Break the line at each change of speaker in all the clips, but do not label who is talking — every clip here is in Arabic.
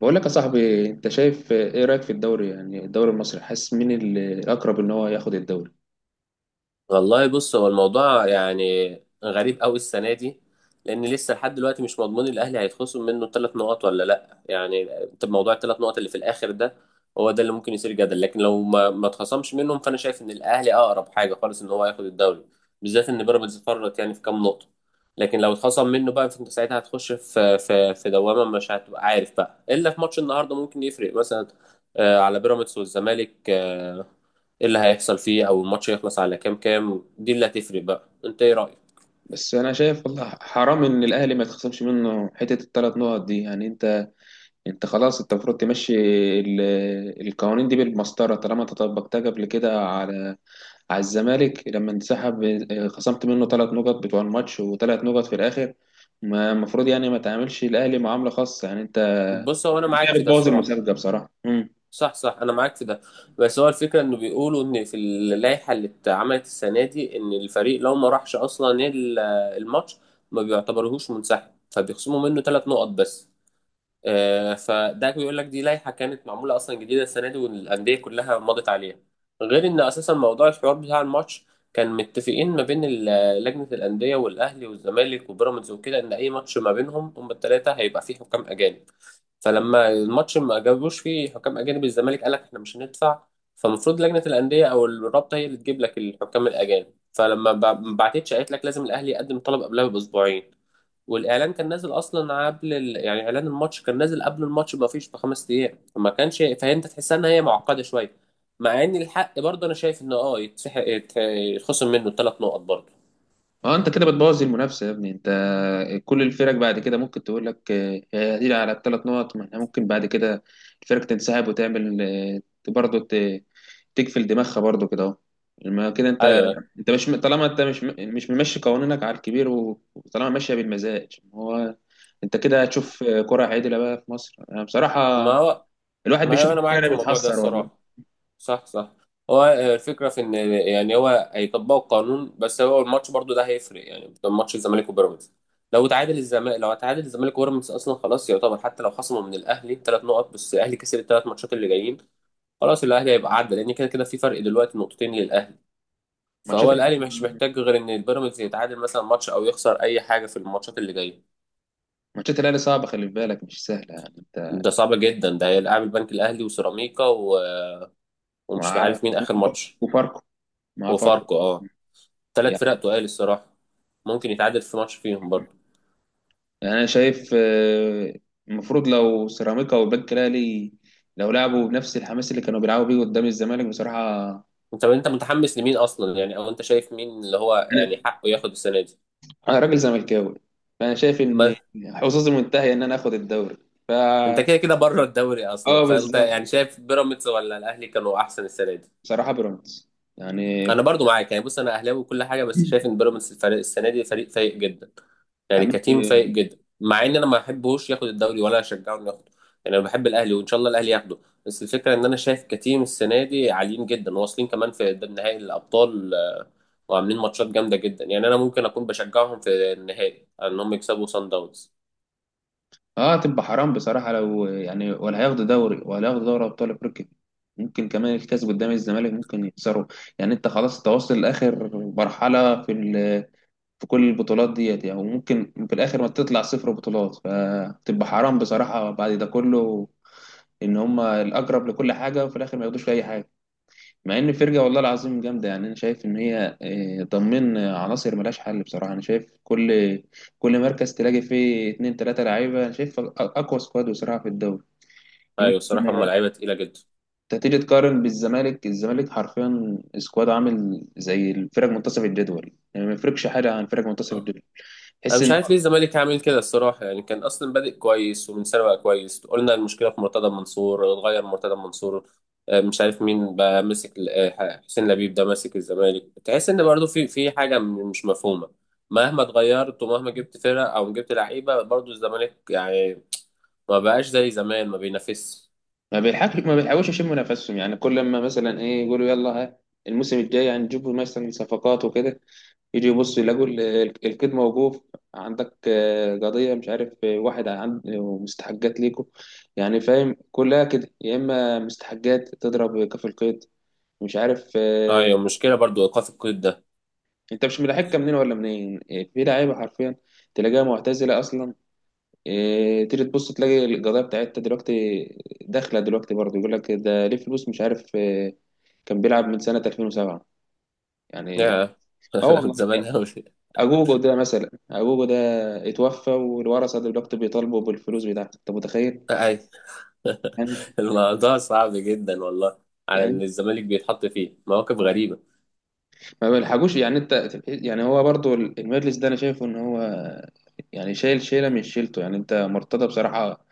بقول لك يا صاحبي، انت شايف ايه رايك في الدوري؟ يعني الدوري المصري حاسس مين الاقرب ان هو ياخد الدوري؟
والله بص، هو الموضوع يعني غريب قوي السنه دي. لان لسه لحد دلوقتي مش مضمون الاهلي هيتخصم منه 3 نقط ولا لا، يعني انت موضوع ال3 نقط اللي في الاخر ده هو ده اللي ممكن يثير جدل. لكن لو ما اتخصمش منهم، فانا شايف ان الاهلي اقرب حاجه خالص ان هو ياخد الدوري، بالذات ان بيراميدز فرط يعني في كام نقطه. لكن لو اتخصم منه بقى، فانت ساعتها هتخش في دوامه، مش هتبقى عارف بقى الا في ماتش النهارده ممكن يفرق مثلا، على بيراميدز والزمالك، ايه اللي هيحصل فيه، او الماتش هيخلص على كام دي اللي هتفرق بقى. انت ايه رأيك؟
بس انا شايف والله حرام ان الاهلي ما يتخصمش منه حته الثلاث نقط دي. يعني انت خلاص، انت المفروض تمشي القوانين دي بالمسطره. طالما انت طبقتها قبل كده على على الزمالك لما انسحب، اه، خصمت منه ثلاث نقط بتوع الماتش وثلاث نقط في الاخر. ما المفروض يعني ما تعاملش الاهلي معامله خاصه. يعني انت
بص، هو انا معاك
كده
في ده
بتبوظ
الصراحة.
المسابقه بصراحه.
صح صح، انا معاك في ده. بس هو الفكرة انه بيقولوا ان في اللائحة اللي اتعملت السنة دي ان الفريق لو ما راحش اصلا الماتش، ما بيعتبرهوش منسحب، فبيخصموا منه 3 نقط بس. فده بيقول لك دي لائحة كانت معمولة أصلا جديدة السنة دي، والأندية كلها مضت عليها. غير إن أساسا موضوع الحوار بتاع الماتش، كان متفقين ما بين لجنة الأندية والأهلي والزمالك وبيراميدز وكده، إن أي ماتش ما بينهم هما التلاتة هيبقى فيه حكام أجانب. فلما الماتش ما جابوش فيه حكام أجانب، الزمالك قال لك إحنا مش هندفع. فالمفروض لجنة الأندية أو الرابطة هي اللي تجيب لك الحكام الأجانب. فلما ما بعتتش، قالت لك لازم الأهلي يقدم طلب قبلها بأسبوعين. والاعلان كان نازل اصلا قبل يعني اعلان الماتش كان نازل قبل الماتش بفيش ب5 ايام، فما كانش. فانت تحسها ان هي معقده شويه، مع ان الحق برضه انا شايف انه اه يتسحق يتخصم منه ال3 نقط برضه.
اه انت كده بتبوظ المنافسه يا ابني. انت كل الفرق بعد كده ممكن تقول لك آه، هي على الثلاث نقط، ما احنا ممكن بعد كده الفرق تنسحب وتعمل آه، برضه تقفل دماغها برضه كده اهو. لما كده انت،
ايوه.
انت مش طالما انت مش ممشي قوانينك على الكبير وطالما ماشيه بالمزاج. هو انت كده هتشوف كره عادله بقى في مصر؟ انا بصراحه
ما هو،
الواحد
ما
بيشوف
هي انا معاك
الكوره
في الموضوع ده
بيتحسر والله.
الصراحه. صح صح. هو الفكره في ان يعني هو هيطبقوا القانون، بس هو الماتش برضه ده هيفرق، يعني ماتش الزمالك وبيراميدز. لو تعادل الزمالك وبيراميدز اصلا، خلاص يعتبر حتى لو خصموا من الاهلي 3 نقط، بس الاهلي كسب ال3 ماتشات اللي جايين، خلاص الاهلي هيبقى عدى، لان كده كده في فرق دلوقتي نقطتين للاهلي.
ماتشات
فهو الاهلي مش محتاج غير ان البيراميدز يتعادل مثلا ماتش، او يخسر اي حاجه في الماتشات اللي جايه.
ماتشات الاهلي صعبه، خلي بالك مش سهله يعني. انت
ده صعب جدا. ده هيلعب البنك الاهلي وسيراميكا ومش
مع
عارف مين اخر ماتش.
وفاركو، مع فرق
وفاركو، اه. ثلاث
يعني.
فرق تقال الصراحه. ممكن يتعادل في ماتش فيهم برضه.
انا شايف آه، المفروض لو سيراميكا والبنك الاهلي لو لعبوا بنفس الحماس اللي كانوا بيلعبوا بيه قدام الزمالك بصراحه.
انت متحمس لمين اصلا يعني؟ او انت شايف مين اللي هو
انا
يعني حقه ياخد السنه دي؟
انا راجل زملكاوي، فانا شايف ان
ما
حظوظي منتهيه ان انا اخد الدوري. ف
انت كده كده بره الدوري اصلا،
اه
فانت
بالظبط،
يعني شايف بيراميدز ولا الاهلي كانوا احسن السنه دي؟
بصراحه بيراميدز يعني.
انا برضو معاك يعني. بص، انا اهلاوي وكل حاجه، بس شايف ان بيراميدز الفريق السنه دي فريق فايق جدا، يعني
يعني
كتيم فايق جدا، مع ان انا ما بحبهوش ياخد الدوري، ولا اشجعه انه ياخده. يعني انا بحب الاهلي وان شاء الله الاهلي ياخده. بس الفكره ان انا شايف كتيم السنه دي عاليين جدا، واصلين كمان في قدام نهائي الابطال، وعاملين ماتشات جامده جدا. يعني انا ممكن اكون بشجعهم في النهائي ان هم يكسبوا سان داونز.
اه تبقى حرام بصراحه لو يعني ولا هياخدوا دوري ولا هياخدوا دوري ابطال افريقيا. ممكن كمان الكاس قدام الزمالك ممكن يخسروا. يعني انت خلاص تواصل لاخر مرحله في في كل البطولات ديت يعني، وممكن في الاخر ما تطلع صفر بطولات، فتبقى حرام بصراحه بعد ده كله ان هم الاقرب لكل حاجه وفي الاخر ما ياخدوش في اي حاجه. مع ان الفرقه والله العظيم جامده، يعني انا شايف ان هي آه، ضمن عناصر ملهاش حل بصراحه. انا شايف كل مركز تلاقي فيه اتنين تلاته لعيبه. انا شايف اقوى سكواد بصراحه في الدوري.
ايوه،
يمكن
الصراحه هم لعيبه تقيله جدا.
انت تيجي تقارن بالزمالك، الزمالك حرفيا سكواد عامل زي الفرق منتصف الجدول، يعني ما يفرقش حاجه عن فرق منتصف الجدول.
انا
تحس
مش
ان
عارف ليه الزمالك عامل كده الصراحه، يعني كان اصلا بادئ كويس ومن سنه بقى كويس، قلنا المشكله في مرتضى منصور، اتغير مرتضى منصور، مش عارف مين بقى ماسك حسين لبيب ده ماسك الزمالك، تحس ان برضو في حاجه مش مفهومه. مهما اتغيرت ومهما جبت فرق او جبت لعيبه، برضو الزمالك يعني ما بقاش زي زمان، ما بينافسش.
ما بيلحقش، ما بيلحقوش يشموا نفسهم يعني. كل ما مثلا ايه يقولوا يلا ها الموسم الجاي هنجيب مثلا صفقات وكده، يجي يبص يلاقوا القيد موقوف. عندك آه، قضية مش عارف آه، واحد عند مستحقات ليكم يعني. فاهم كلها كده، يا اما مستحقات تضرب كف القيد مش عارف آه،
ايوه، مشكله برضو ايقاف القيد ده.
انت مش ملاحقها منين ولا منين آه، في لعيبة حرفيا تلاقيها معتزلة اصلا. آه، تيجي تبص تلاقي القضية بتاعتها دلوقتي داخلة دلوقتي برضه، يقول لك ده ليه فلوس مش عارف آه، كان بيلعب من سنة 2007 يعني.
يا،
اه والله،
زمان قوي.
اجوجو ده مثلا، اجوجو ده اتوفى والورثة دلوقتي بيطالبوا بالفلوس بتاعته، انت متخيل؟
اي،
يعني،
الموضوع صعب جدا والله، على
يعني
ان الزمالك بيتحط فيه مواقف غريبه.
ما بيلحقوش يعني. انت يعني هو برضو المجلس ده انا شايفه ان هو يعني شايل شيلة من شيلته يعني. انت مرتضى بصراحة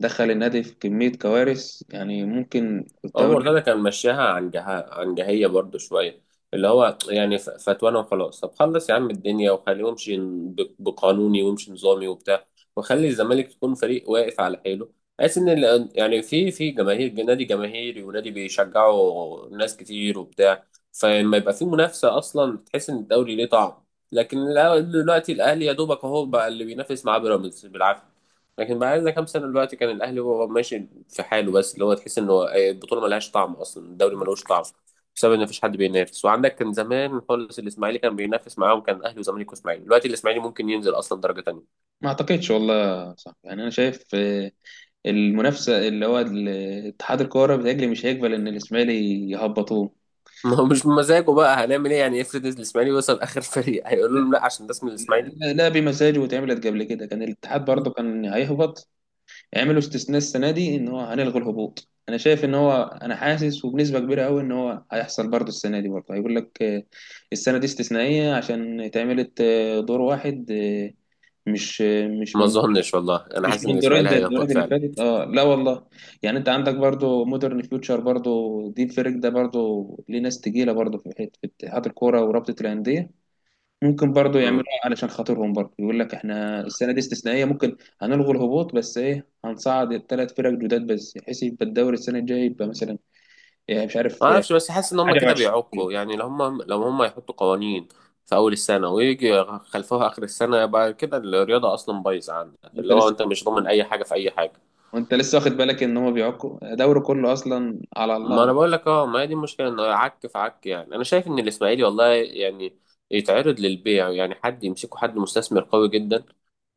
دخل النادي في كمية كوارث، يعني ممكن كنت
عمر
اقول
مرتضى كان مشاها عن جهية برضو شوية، اللي هو يعني فتوانا وخلاص، طب خلص يا عم الدنيا، وخليه يمشي بقانوني، ويمشي نظامي وبتاع، وخلي الزمالك تكون فريق واقف على حيله، بحيث ان يعني في جماهير، نادي جماهيري ونادي بيشجعوا ناس كتير وبتاع. فلما يبقى في منافسة اصلا، تحس ان الدوري ليه طعم. لكن دلوقتي الاهلي يا دوبك اهو بقى اللي بينافس مع بيراميدز بالعافية. لكن بعد كام سنه دلوقتي كان الاهلي هو ماشي في حاله بس، اللي هو تحس انه البطوله ملهاش طعم اصلا، الدوري ملوش طعم، بسبب ان مفيش حد بينافس. وعندك كان زمان خالص الاسماعيلي كان بينافس معاهم، كان اهلي وزمالك واسماعيلي، دلوقتي الاسماعيلي ممكن ينزل اصلا درجه تانيه.
ما اعتقدش والله صح. يعني انا شايف آه، المنافسة اللي هو اتحاد الكورة بتاجلي مش هيقبل ان الاسماعيلي يهبطوه.
ما هو مش بمزاجه بقى، هنعمل ايه يعني؟ افرض الاسماعيلي وصل اخر فريق، هيقولوا لهم لا عشان ده اسم الاسماعيلي؟
لا لا بمزاجه، واتعملت قبل كده، كان الاتحاد برضه كان هيهبط، عملوا استثناء السنه دي ان هو هنلغي الهبوط. انا شايف ان هو، انا حاسس وبنسبه كبيره قوي ان هو هيحصل برضه السنه دي. برضه هيقول لك آه، السنه دي استثنائيه عشان اتعملت آه، دور واحد آه، مش آه، مش
ما
من
اظنش والله، انا
مش
حاسس ان
من دورين
الاسماعيلي
زي الدورات
هيهبط
اللي
فعلا.
فاتت. اه لا والله. يعني انت عندك برضه مودرن فيوتشر برضه، دي الفريق ده برضه ليه ناس تقيله برضه في حته في اتحاد الكوره ورابطه الانديه. ممكن برضو يعملوها علشان خاطرهم، برضو يقول لك احنا السنه دي استثنائيه، ممكن هنلغي الهبوط بس ايه هنصعد الثلاث فرق جداد بس، بحيث يبقى الدوري السنه الجايه يبقى مثلا إيه مش
ما
عارف إيه،
اعرفش، بس حاسس ان هم
حاجه
كده
وعشرين.
بيعكوا، يعني لو هم يحطوا قوانين في اول السنه، ويجي خلفوها اخر السنه، يبقى كده الرياضه اصلا بايظه، عندك
انت
اللي هو
لسه،
انت مش ضامن اي حاجه في اي حاجه.
وانت لسه واخد بالك ان هو بيعكوا دوري كله اصلا على
ما
الله؟
انا بقول لك، اه، ما هي دي المشكله انه عك في عك. يعني انا شايف ان الاسماعيلي والله يعني يتعرض للبيع، يعني حد يمسكه، حد مستثمر قوي جدا،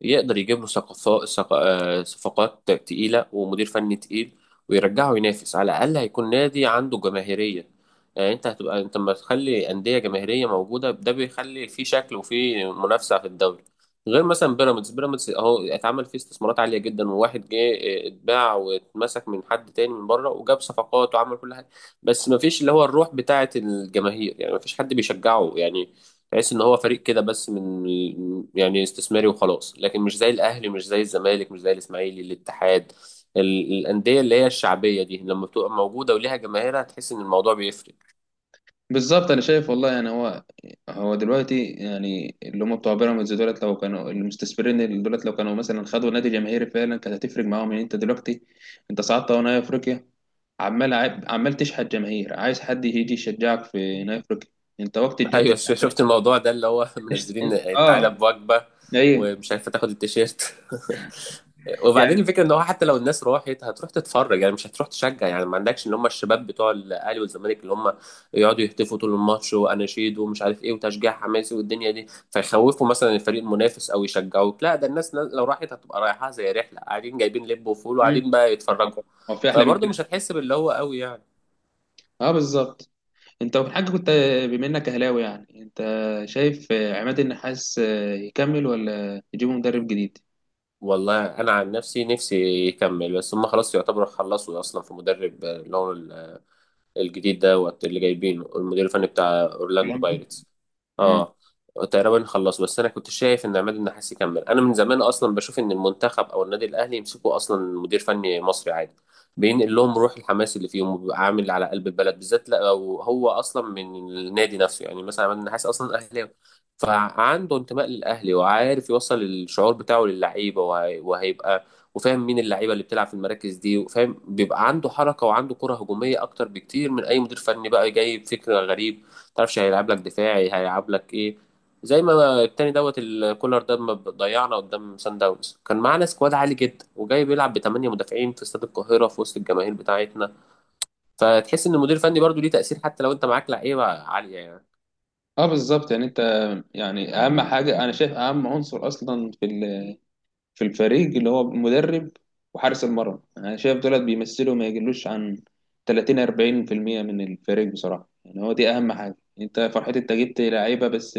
يقدر يجيب له صفقات تقيله ومدير فني تقيل، ويرجعه ينافس. على الاقل هيكون نادي عنده جماهيريه. يعني انت هتبقى انت لما تخلي انديه جماهيريه موجوده، ده بيخلي في شكل وفي منافسه في الدوري. غير مثلا بيراميدز اهو اتعمل فيه استثمارات عاليه جدا، وواحد جه، اه، اتباع واتمسك من حد تاني من بره، وجاب صفقات وعمل كل حاجه، بس ما فيش اللي هو الروح بتاعه الجماهير، يعني ما فيش حد بيشجعه، يعني تحس ان هو فريق كده بس من يعني استثماري وخلاص، لكن مش زي الاهلي، مش زي الزمالك، مش زي الاسماعيلي، الاتحاد. الانديه اللي هي الشعبيه دي، لما بتبقى موجوده وليها جماهيرها، تحس ان الموضوع بيفرق.
بالظبط انا شايف والله. يعني هو، هو دلوقتي يعني اللي هم بتوع بيراميدز دولت، لو كانوا المستثمرين دولت لو كانوا مثلا خدوا نادي جماهيري فعلا كانت هتفرق معاهم. يعني انت دلوقتي، انت صعدت اهو نهائي افريقيا، عمال عمال تشحت جماهير عايز حد يجي يشجعك في هنا افريقيا، انت وقت الجد
ايوه،
بتاع.
شفت الموضوع ده اللي هو منزلين تعالى
اه
بوجبه،
ايوه
ومش عارفه تاخد التيشيرت.
يعني.
وبعدين الفكره ان هو حتى لو الناس راحت، هتروح تتفرج يعني، مش هتروح تشجع، يعني ما عندكش اللي هم الشباب بتوع الاهلي والزمالك، اللي هم يقعدوا يهتفوا طول الماتش، واناشيد ومش عارف ايه، وتشجيع حماسي والدنيا دي، فيخوفوا مثلا الفريق المنافس او يشجعوك. لا، ده الناس لو راحت هتبقى رايحه زي رحله، قاعدين جايبين لب وفول
مم.
وقاعدين بقى
هو،
يتفرجوا.
هو في احلى من
فبرضه
كده؟
مش هتحس باللي هو قوي يعني.
اه بالظبط. انت في حاجه كنت، بما انك اهلاوي يعني، انت شايف آه، عماد النحاس آه، يكمل ولا يجيبوا مدرب جديد؟
والله انا عن نفسي، نفسي يكمل، بس هم خلاص يعتبروا خلصوا اصلا في مدرب، اللي هو الجديد دوت اللي جايبينه المدير الفني بتاع اورلاندو
برضه؟
بايرتس.
مم.
اه، تقريبا خلص. بس انا كنت شايف ان عماد النحاس يكمل. انا من زمان اصلا بشوف ان المنتخب او النادي الاهلي يمسكوا اصلا مدير فني مصري عادي، بينقل لهم روح الحماس اللي فيهم، وبيبقى عامل على قلب البلد، بالذات لو هو اصلا من النادي نفسه. يعني مثلا عماد النحاس اصلا اهلاوي، فعنده انتماء للاهلي، وعارف يوصل الشعور بتاعه للعيبه، وهيبقى وفاهم مين اللعيبه اللي بتلعب في المراكز دي، وفاهم بيبقى عنده حركه، وعنده كره هجوميه اكتر بكتير من اي مدير فني بقى جايب فكر غريب، ما تعرفش هيلعب لك دفاعي هيلعب لك ايه. زي ما التاني دوت الكولر ده ما ضيعنا قدام سان داونز، كان معانا سكواد عالي جدا، وجاي بيلعب ب8 مدافعين في استاد القاهره في وسط الجماهير بتاعتنا. فتحس ان المدير الفني برضو ليه تاثير، حتى لو انت معاك لعيبه عاليه يعني.
اه بالظبط يعني. انت يعني اهم حاجه، انا شايف اهم عنصر اصلا في في الفريق اللي هو المدرب وحارس المرمى. انا شايف دولت بيمثلوا ما يقلوش عن 30 40% من الفريق بصراحه. يعني هو دي اهم حاجه، انت فرحتي انت جبت لعيبه بس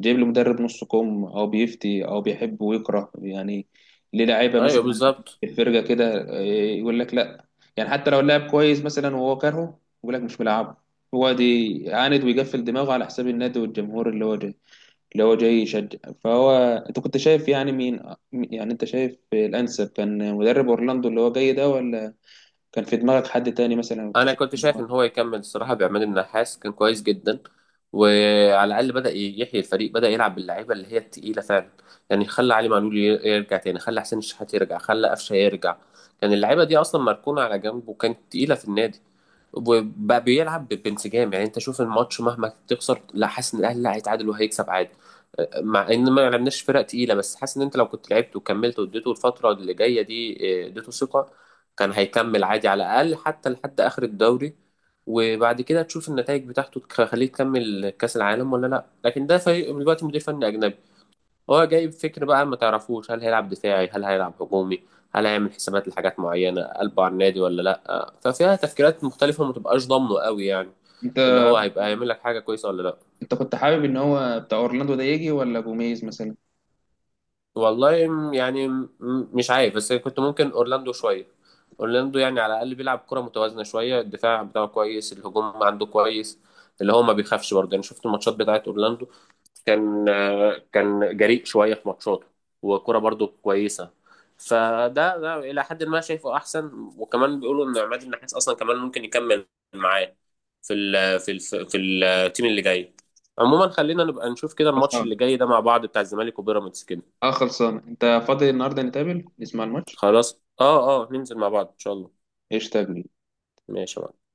جايب لي مدرب نص كم، او بيفتي او بيحب ويكره. يعني ليه لعيبه
ايوه
مثلا
بالظبط.
في الفرقه كده إيه، يقول لك لا. يعني حتى لو اللاعب كويس مثلا وهو كارهه يقول لك مش ملعبه. هو دي عاند ويقفل دماغه على حساب النادي والجمهور اللي هو جاي، اللي هو جاي يشجع. فهو انت كنت شايف يعني مين، يعني انت شايف الانسب كان مدرب اورلاندو اللي هو جاي ده ولا كان في دماغك حد تاني مثلا؟ كنت
انا
شايف
كنت شايف ان هو يكمل الصراحه، بعماد النحاس كان كويس جدا. وعلى الاقل بدا يحيي الفريق، بدا يلعب باللعيبه اللي هي التقيله فعلا. يعني خلى علي معلول يرجع تاني، خلى حسين الشحات يرجع، خلى قفشه يرجع. كان اللعيبه دي اصلا مركونه على جنب، وكانت تقيله في النادي، وبقى بيلعب بانسجام. يعني انت شوف الماتش مهما تخسر، لا حاسس ان الاهلي لا هيتعادل وهيكسب عادي، مع ان ما لعبناش فرق تقيله. بس حاسس ان انت لو كنت لعبت وكملت، واديته الفتره اللي جايه دي، اه، اديته ثقه، كان هيكمل عادي على الأقل حتى لحد آخر الدوري. وبعد كده تشوف النتائج بتاعته، تخليه تكمل كأس العالم ولا لا. لكن ده فريق دلوقتي مدير فني أجنبي، هو جايب فكر بقى ما تعرفوش هل هيلعب دفاعي هل هيلعب هجومي، هل هيعمل حسابات لحاجات معينة قلبه على النادي ولا لا، ففيها تفكيرات مختلفة، ما تبقاش ضامنه قوي يعني،
انت،
اللي هو هيبقى هيعمل لك حاجة كويسة ولا لا.
انت كنت حابب ان هو بتاع اورلاندو ده يجي ولا جوميز مثلا؟
والله يعني مش عارف، بس كنت ممكن اورلاندو شويه. اورلاندو يعني على الاقل بيلعب كره متوازنه شويه، الدفاع بتاعه كويس، الهجوم عنده كويس، اللي هو ما بيخافش برضه. يعني شفت الماتشات بتاعت اورلاندو، كان كان جريء شويه في ماتشاته، وكره برضه كويسه. فده، الى حد ما شايفه احسن، وكمان بيقولوا ان عماد النحاس اصلا كمان ممكن يكمل معاه في ال في ال في التيم اللي جاي. عموما خلينا نبقى نشوف كده الماتش اللي
خلصان،
جاي ده مع بعض، بتاع الزمالك وبيراميدز كده.
اه خلصان. انت فاضي النهارده نتقابل نسمع الماتش؟
خلاص، اه اه، ننزل مع بعض ان شاء الله.
ايش تقول؟
ماشي يا معلم.